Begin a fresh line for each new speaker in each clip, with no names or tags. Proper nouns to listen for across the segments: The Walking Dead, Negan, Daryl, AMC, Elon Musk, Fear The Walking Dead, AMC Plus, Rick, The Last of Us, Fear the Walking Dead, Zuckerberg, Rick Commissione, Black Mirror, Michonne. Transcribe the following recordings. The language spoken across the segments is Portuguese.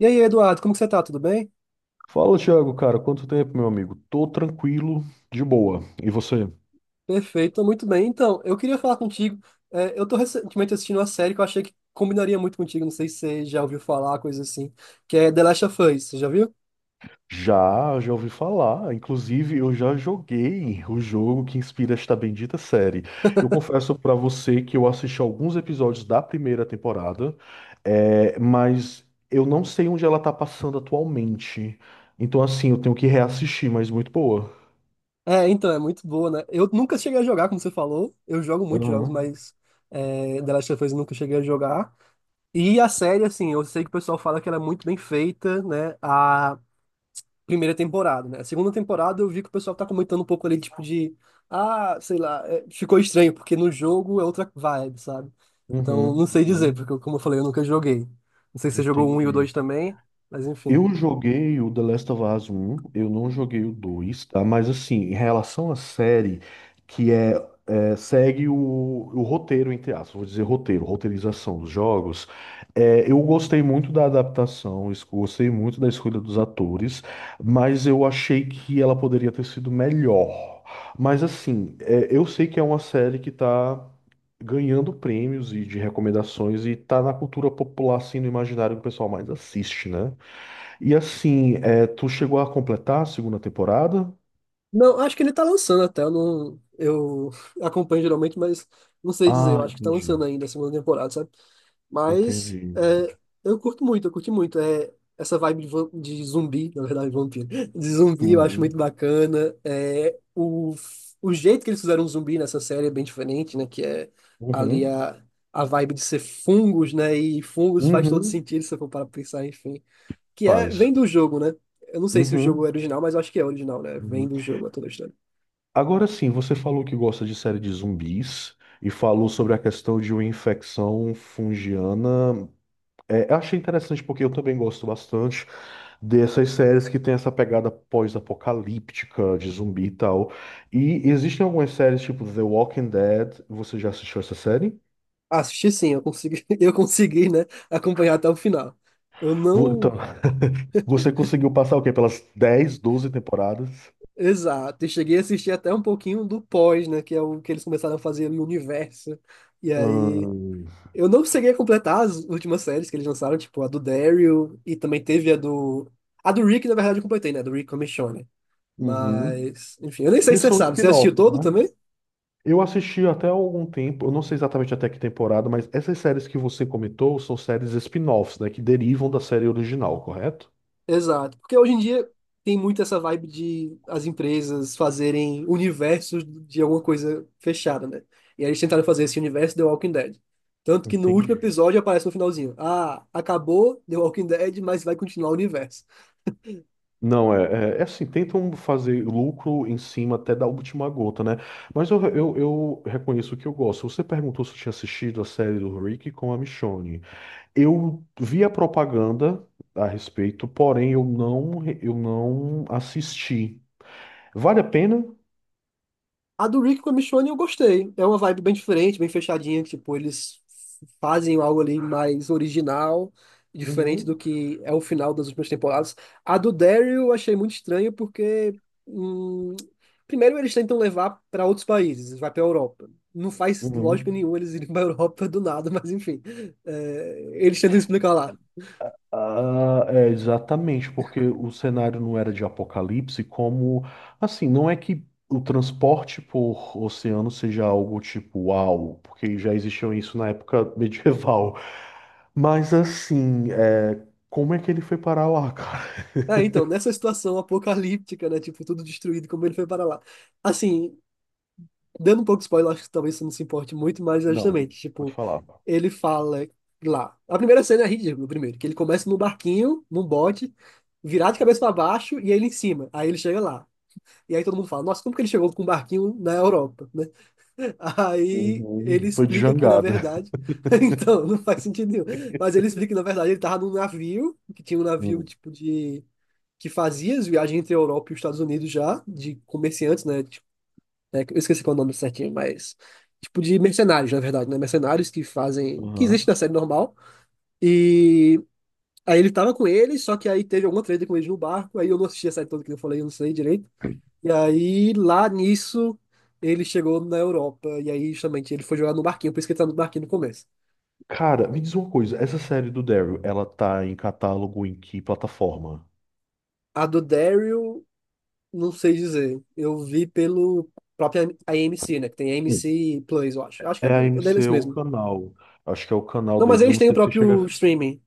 E aí, Eduardo, como que você tá? Tudo bem?
Fala, Thiago, cara, quanto tempo, meu amigo? Tô tranquilo, de boa. E você?
Perfeito, tô muito bem. Então, eu queria falar contigo. Eu tô recentemente assistindo uma série que eu achei que combinaria muito contigo. Não sei se você já ouviu falar, coisa assim, que é The Last of Us. Você já viu?
Já, já ouvi falar. Inclusive, eu já joguei o jogo que inspira esta bendita série. Eu confesso pra você que eu assisti alguns episódios da primeira temporada, mas eu não sei onde ela tá passando atualmente. Então, assim, eu tenho que reassistir, mas muito boa.
É, então, é muito boa, né? Eu nunca cheguei a jogar, como você falou. Eu jogo muitos jogos,
Aham.
mas The Last of Us eu nunca cheguei a jogar. E a série, assim, eu sei que o pessoal fala que ela é muito bem feita, né? A primeira temporada, né? A segunda temporada eu vi que o pessoal tá comentando um pouco ali, tipo, de. Ah, sei lá, ficou estranho, porque no jogo é outra vibe, sabe? Então, não
Uhum,
sei dizer,
uhum.
porque, como eu falei, eu nunca joguei. Não sei se você jogou o um e o
Entendi.
dois também, mas enfim.
Eu joguei o The Last of Us 1, eu não joguei o 2, tá? Mas assim, em relação à série, que é, segue o roteiro, entre aspas, vou dizer roteiro, roteirização dos jogos, eu gostei muito da adaptação, gostei muito da escolha dos atores, mas eu achei que ela poderia ter sido melhor. Mas assim, é, eu sei que é uma série que tá ganhando prêmios e de recomendações e tá na cultura popular, assim, no imaginário que o pessoal mais assiste, né? E assim, tu chegou a completar a segunda temporada?
Não, acho que ele tá lançando até, eu não. Eu acompanho geralmente, mas não sei dizer,
Ah,
eu acho que tá
entendi.
lançando ainda a segunda temporada, sabe? Mas
Entendi.
é, eu curto muito, eu curti muito. É, essa vibe de, de zumbi, na verdade, vampiro. De zumbi eu acho muito
Uhum.
bacana. O jeito que eles fizeram o zumbi nessa série é bem diferente, né? Que é ali
Uhum.
a vibe de ser fungos, né? E fungos faz todo
Uhum.
sentido se eu for para pensar, enfim. Que é,
Faz.
vem do jogo, né? Eu não sei se o jogo é
Uhum.
original, mas eu acho que é original, né? Vem
Uhum.
do jogo, é toda a história.
Agora sim, você falou que gosta de série de zumbis e falou sobre a questão de uma infecção fungiana. É, eu achei interessante porque eu também gosto bastante dessas séries que tem essa pegada pós-apocalíptica de zumbi e tal. E existem algumas séries tipo The Walking Dead. Você já assistiu essa série?
Assisti sim, eu consegui, eu consegui, né? Acompanhar até o final. Eu
Então,
não.
você conseguiu passar o quê? Pelas 10, 12 temporadas?
Exato, e cheguei a assistir até um pouquinho do pós, né, que é o que eles começaram a fazer no universo. E aí,
Hum,
eu não cheguei a completar as últimas séries que eles lançaram, tipo a do Daryl e também teve a do Rick, na verdade eu completei, né, do Rick Commissione.
uhum.
Mas, enfim, eu nem sei se
Eles
você
são
sabe, você
spin-off,
assistiu todo
né?
também?
Eu assisti até algum tempo, eu não sei exatamente até que temporada, mas essas séries que você comentou são séries spin-offs, né? Que derivam da série original, correto?
Exato, porque hoje em dia tem muito essa vibe de as empresas fazerem universos de alguma coisa fechada, né? E aí eles tentaram fazer esse universo The Walking Dead. Tanto que no último
Entendi.
episódio aparece no finalzinho: Ah, acabou The Walking Dead, mas vai continuar o universo.
Não, é, assim, tentam fazer lucro em cima até da última gota, né? Mas eu reconheço que eu gosto. Você perguntou se eu tinha assistido a série do Rick com a Michonne. Eu vi a propaganda a respeito, porém eu não assisti. Vale a pena?
A do Rick com a Michonne eu gostei. É uma vibe bem diferente, bem fechadinha. Tipo, eles fazem algo ali mais original, diferente do
Uhum,
que é o final das últimas temporadas. A do Daryl eu achei muito estranho porque, hum, primeiro, eles tentam levar para outros países, vai para a Europa. Não faz lógica
uhum.
nenhuma eles irem para a Europa do nada, mas enfim, eles tentam explicar lá.
Ah, é, exatamente, porque o cenário não era de apocalipse, como assim, não é que o transporte por oceano seja algo tipo uau, porque já existiam isso na época medieval. Mas assim, como é que ele foi parar lá, cara?
Ah, então, nessa situação apocalíptica, né? Tipo, tudo destruído, como ele foi para lá. Assim, dando um pouco de spoiler, acho que talvez você não se importe muito, mas é
Não,
justamente,
pode
tipo,
falar.
ele fala lá. A primeira cena é ridícula, primeiro, que ele começa no barquinho, num bote, virado de cabeça para baixo e ele em cima. Aí ele chega lá. E aí todo mundo fala, nossa, como que ele chegou com um barquinho na Europa, né? Aí ele
Uhum. Foi de
explica que, na
jangada.
verdade, então, não faz sentido nenhum. Mas ele explica que, na verdade, ele tava num navio, que tinha um navio,
Hum.
tipo, de... que fazia as viagens entre a Europa e os Estados Unidos já, de comerciantes, né? De né, que eu esqueci qual é o nome certinho, mas tipo de mercenários, na verdade, né? Mercenários que fazem, que existe na
Aham.
série normal. E aí ele tava com eles, só que aí teve alguma treta com eles no barco, aí eu não assisti a série toda que eu falei, eu não sei direito. E aí lá nisso ele chegou na Europa e aí justamente ele foi jogar no barquinho, por isso que ele tá no barquinho no começo.
Cara, me diz uma coisa, essa série do Daryl, ela tá em catálogo em que plataforma?
A do Daryl, não sei dizer. Eu vi pelo próprio AMC, né? Que tem
Hum.
AMC Plus, eu acho. Acho que
É
é
a
deles
AMC, o
mesmo.
canal. Acho que é o canal
Não, mas
deles, eu
eles
não
têm o
sei se
próprio
chega.
streaming.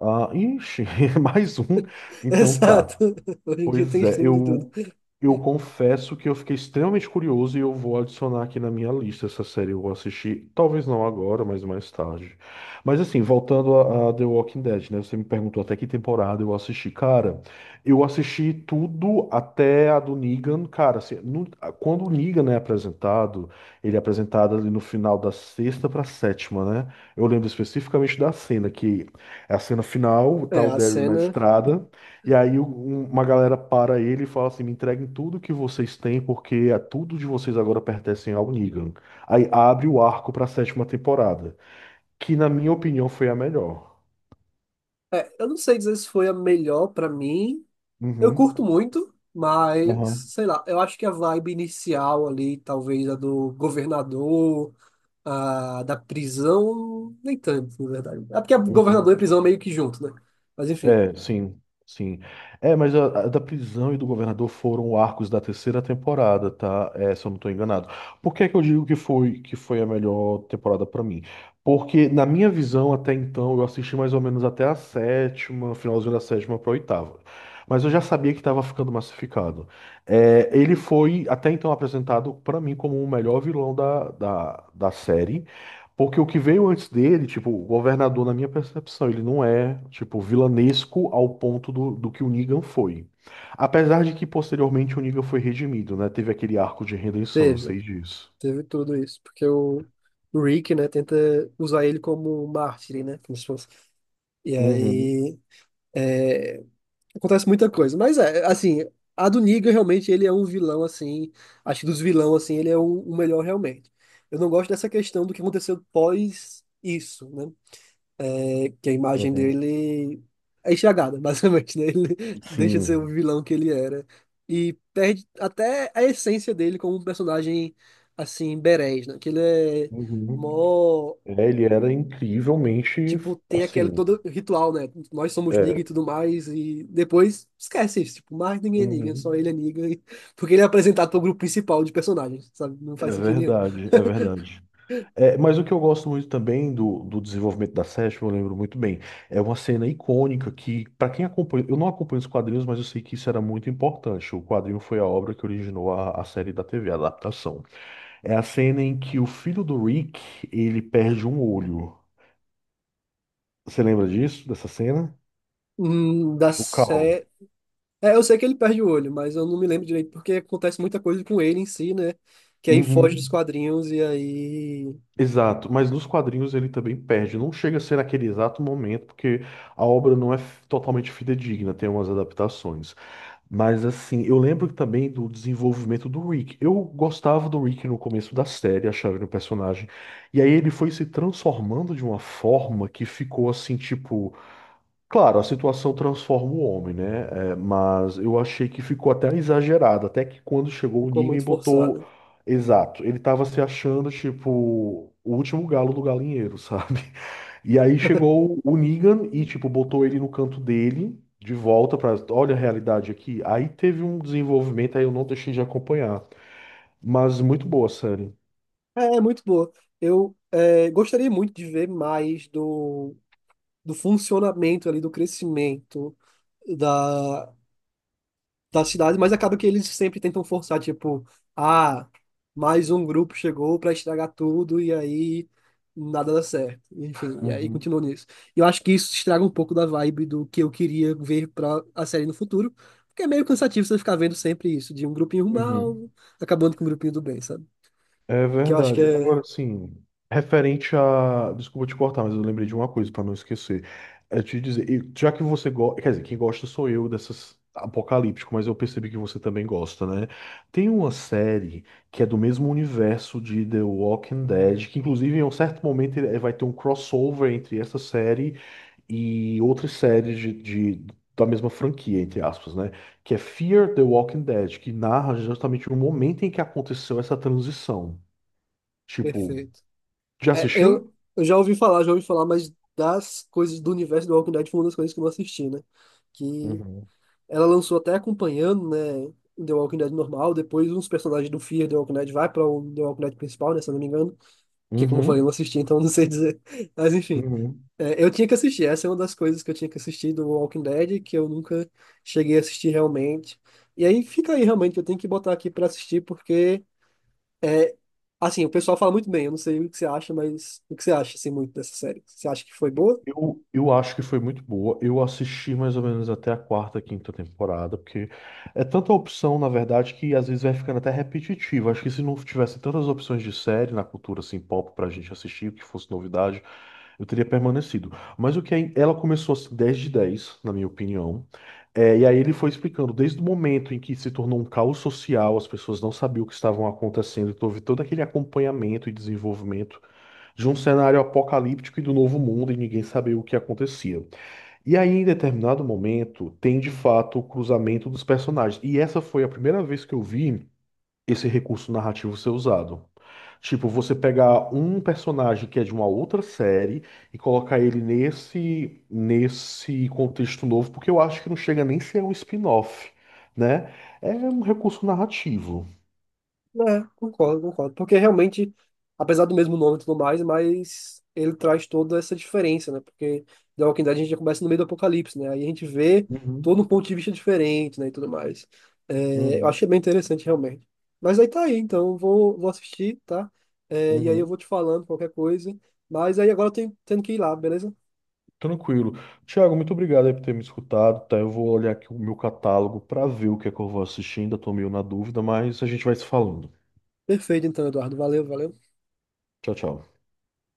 Ah, ixi, mais um. Então
Exato.
tá.
Hoje em dia tem
Pois é,
streaming de tudo.
eu confesso que eu fiquei extremamente curioso e eu vou adicionar aqui na minha lista essa série. Eu vou assistir, talvez não agora, mas mais tarde. Mas assim, voltando a The Walking Dead, né? Você me perguntou até que temporada eu assisti. Cara, eu assisti tudo até a do Negan. Cara, assim, quando o Negan é apresentado, ele é apresentado ali no final da sexta pra sétima, né? Eu lembro especificamente da cena, que é a cena final, tá
É,
o
a
Daryl na
cena.
estrada. E aí uma galera para ele e fala assim: me entreguem tudo que vocês têm, porque a tudo de vocês agora pertencem ao Negan. Aí abre o arco para a sétima temporada, que na minha opinião foi a melhor.
Eu não sei dizer se foi a melhor pra mim. Eu curto
Uhum,
muito, mas
aham.
sei lá. Eu acho que a vibe inicial ali, talvez a do governador, a da prisão, nem tanto, na verdade. É porque a governador e
Uhum.
a prisão é meio que junto, né? Mas enfim,
É, sim, sim. É, mas a da prisão e do governador foram arcos da terceira temporada, tá? É, se eu não tô enganado. Por que é que eu digo que foi a melhor temporada pra mim? Porque, na minha visão, até então, eu assisti mais ou menos até a sétima, finalzinho da sétima pra oitava. Mas eu já sabia que tava ficando massificado. É, ele foi, até então, apresentado pra mim como o melhor vilão da série. Porque o que veio antes dele, tipo, o governador, na minha percepção, ele não é, tipo, vilanesco ao ponto do que o Negan foi. Apesar de que posteriormente o Negan foi redimido, né? Teve aquele arco de redenção, eu
teve.
sei disso.
Teve tudo isso. Porque o Rick, né, tenta usar ele como mártir, né? Como se fosse. E
Uhum,
aí. é, Acontece muita coisa. Mas é, assim, a do Negan realmente ele é um vilão, assim. Acho que dos vilão, assim, ele é o melhor realmente. Eu não gosto dessa questão do que aconteceu pós isso, né? É que a imagem
uhum.
dele é enxagada, basicamente, né? Ele deixa de ser o
Sim.
vilão que ele era. E perde até a essência dele como um personagem, assim, berés, né? Que ele é.
Uhum.
Mó
É, ele era incrivelmente,
tipo, tem aquele
assim,
todo ritual, né? Nós somos Negan e
é,
tudo mais, e depois esquece isso, tipo, mais ninguém é Negan, só ele é
uhum.
Negan, porque ele é apresentado pro grupo principal de personagens, sabe? Não
É
faz sentido nenhum.
verdade, é verdade. É, mas o que eu gosto muito também do desenvolvimento da Session, eu lembro muito bem, é uma cena icônica que, para quem acompanha, eu não acompanho os quadrinhos, mas eu sei que isso era muito importante. O quadrinho foi a obra que originou a série da TV, a adaptação. É a cena em que o filho do Rick, ele perde um olho. Você lembra disso, dessa cena?
Da
O Cal.
série... É, eu sei que ele perde o olho, mas eu não me lembro direito, porque acontece muita coisa com ele em si, né? Que aí foge dos
Uhum.
quadrinhos e aí
Exato, mas nos quadrinhos ele também perde. Não chega a ser naquele exato momento, porque a obra não é totalmente fidedigna, tem umas adaptações. Mas assim, eu lembro também do desenvolvimento do Rick. Eu gostava do Rick no começo da série, achava ele um personagem. E aí ele foi se transformando de uma forma que ficou assim, tipo. Claro, a situação transforma o homem, né? É, mas eu achei que ficou até exagerado. Até que quando chegou o
ficou
Negan e
muito
botou.
forçado.
Exato, ele tava se achando, tipo, o último galo do galinheiro, sabe? E aí chegou o Negan e, tipo, botou ele no canto dele, de volta pra. Olha a realidade aqui. Aí teve um desenvolvimento, aí eu não deixei de acompanhar. Mas muito boa a série.
É, é muito boa. Gostaria muito de ver mais do, do funcionamento ali, do crescimento da, da cidade, mas acaba que eles sempre tentam forçar, tipo, ah, mais um grupo chegou pra estragar tudo e aí nada dá certo. Enfim, e aí
Uhum,
continuou nisso. E eu acho que isso estraga um pouco da vibe do que eu queria ver pra a série no futuro, porque é meio cansativo você ficar vendo sempre isso, de um grupinho mal
uhum.
acabando com um grupinho do bem, sabe?
É
Que eu acho que
verdade.
é
Agora, assim, referente a. Desculpa te cortar, mas eu lembrei de uma coisa para não esquecer. É te dizer, e já que você gosta. Quer dizer, quem gosta sou eu dessas apocalíptico, mas eu percebi que você também gosta, né? Tem uma série que é do mesmo universo de The Walking Dead, que inclusive em um certo momento vai ter um crossover entre essa série e outras séries de- da mesma franquia, entre aspas, né? Que é Fear the Walking Dead, que narra justamente o momento em que aconteceu essa transição. Tipo,
perfeito.
já
É,
assistiu?
eu já ouvi falar, mas das coisas do universo do Walking Dead foi uma das coisas que eu não assisti, né? Que
Uhum.
ela lançou até acompanhando, né, The Walking Dead normal, depois uns personagens do Fear The Walking Dead vai para o The Walking Dead principal, né, se eu não me engano, que como eu falei, eu não
Uhum.
assisti, então não sei dizer. Mas enfim,
Uhum.
é, eu tinha que assistir, essa é uma das coisas que eu tinha que assistir do Walking Dead, que eu nunca cheguei a assistir realmente. E aí fica aí realmente, eu tenho que botar aqui para assistir, porque, é, assim, o pessoal fala muito bem, eu não sei o que você acha, mas o que você acha, assim, muito dessa série? Você acha que foi boa?
Eu acho que foi muito boa. Eu assisti mais ou menos até a quarta, quinta temporada, porque é tanta opção, na verdade, que às vezes vai ficando até repetitivo. Acho que se não tivesse tantas opções de série na cultura assim, pop pra gente assistir, que fosse novidade, eu teria permanecido. Mas o que é, ela começou a ser 10 de 10, na minha opinião. É, e aí ele foi explicando, desde o momento em que se tornou um caos social, as pessoas não sabiam o que estavam acontecendo, então houve todo aquele acompanhamento e desenvolvimento de um cenário apocalíptico e do novo mundo e ninguém sabia o que acontecia. E aí, em determinado momento, tem de fato o cruzamento dos personagens. E essa foi a primeira vez que eu vi esse recurso narrativo ser usado. Tipo, você pegar um personagem que é de uma outra série e colocar ele nesse contexto novo, porque eu acho que não chega nem a ser um spin-off, né? É um recurso narrativo.
É, concordo, concordo. Porque realmente, apesar do mesmo nome e tudo mais, mas ele traz toda essa diferença, né? Porque The Walking Dead a gente já começa no meio do apocalipse, né? Aí a gente vê
Uhum,
todo um ponto de vista diferente, né? E tudo mais. É, eu
uhum,
achei bem interessante, realmente. Mas aí tá aí, então vou, vou assistir, tá? É, e aí eu
uhum.
vou te falando qualquer coisa. Mas aí agora eu tenho, tendo que ir lá, beleza?
Tranquilo. Tiago, muito obrigado aí por ter me escutado, tá? Eu vou olhar aqui o meu catálogo para ver o que é que eu vou assistir, ainda tô meio na dúvida, mas a gente vai se falando.
Perfeito, então, Eduardo. Valeu, valeu.
Tchau, tchau.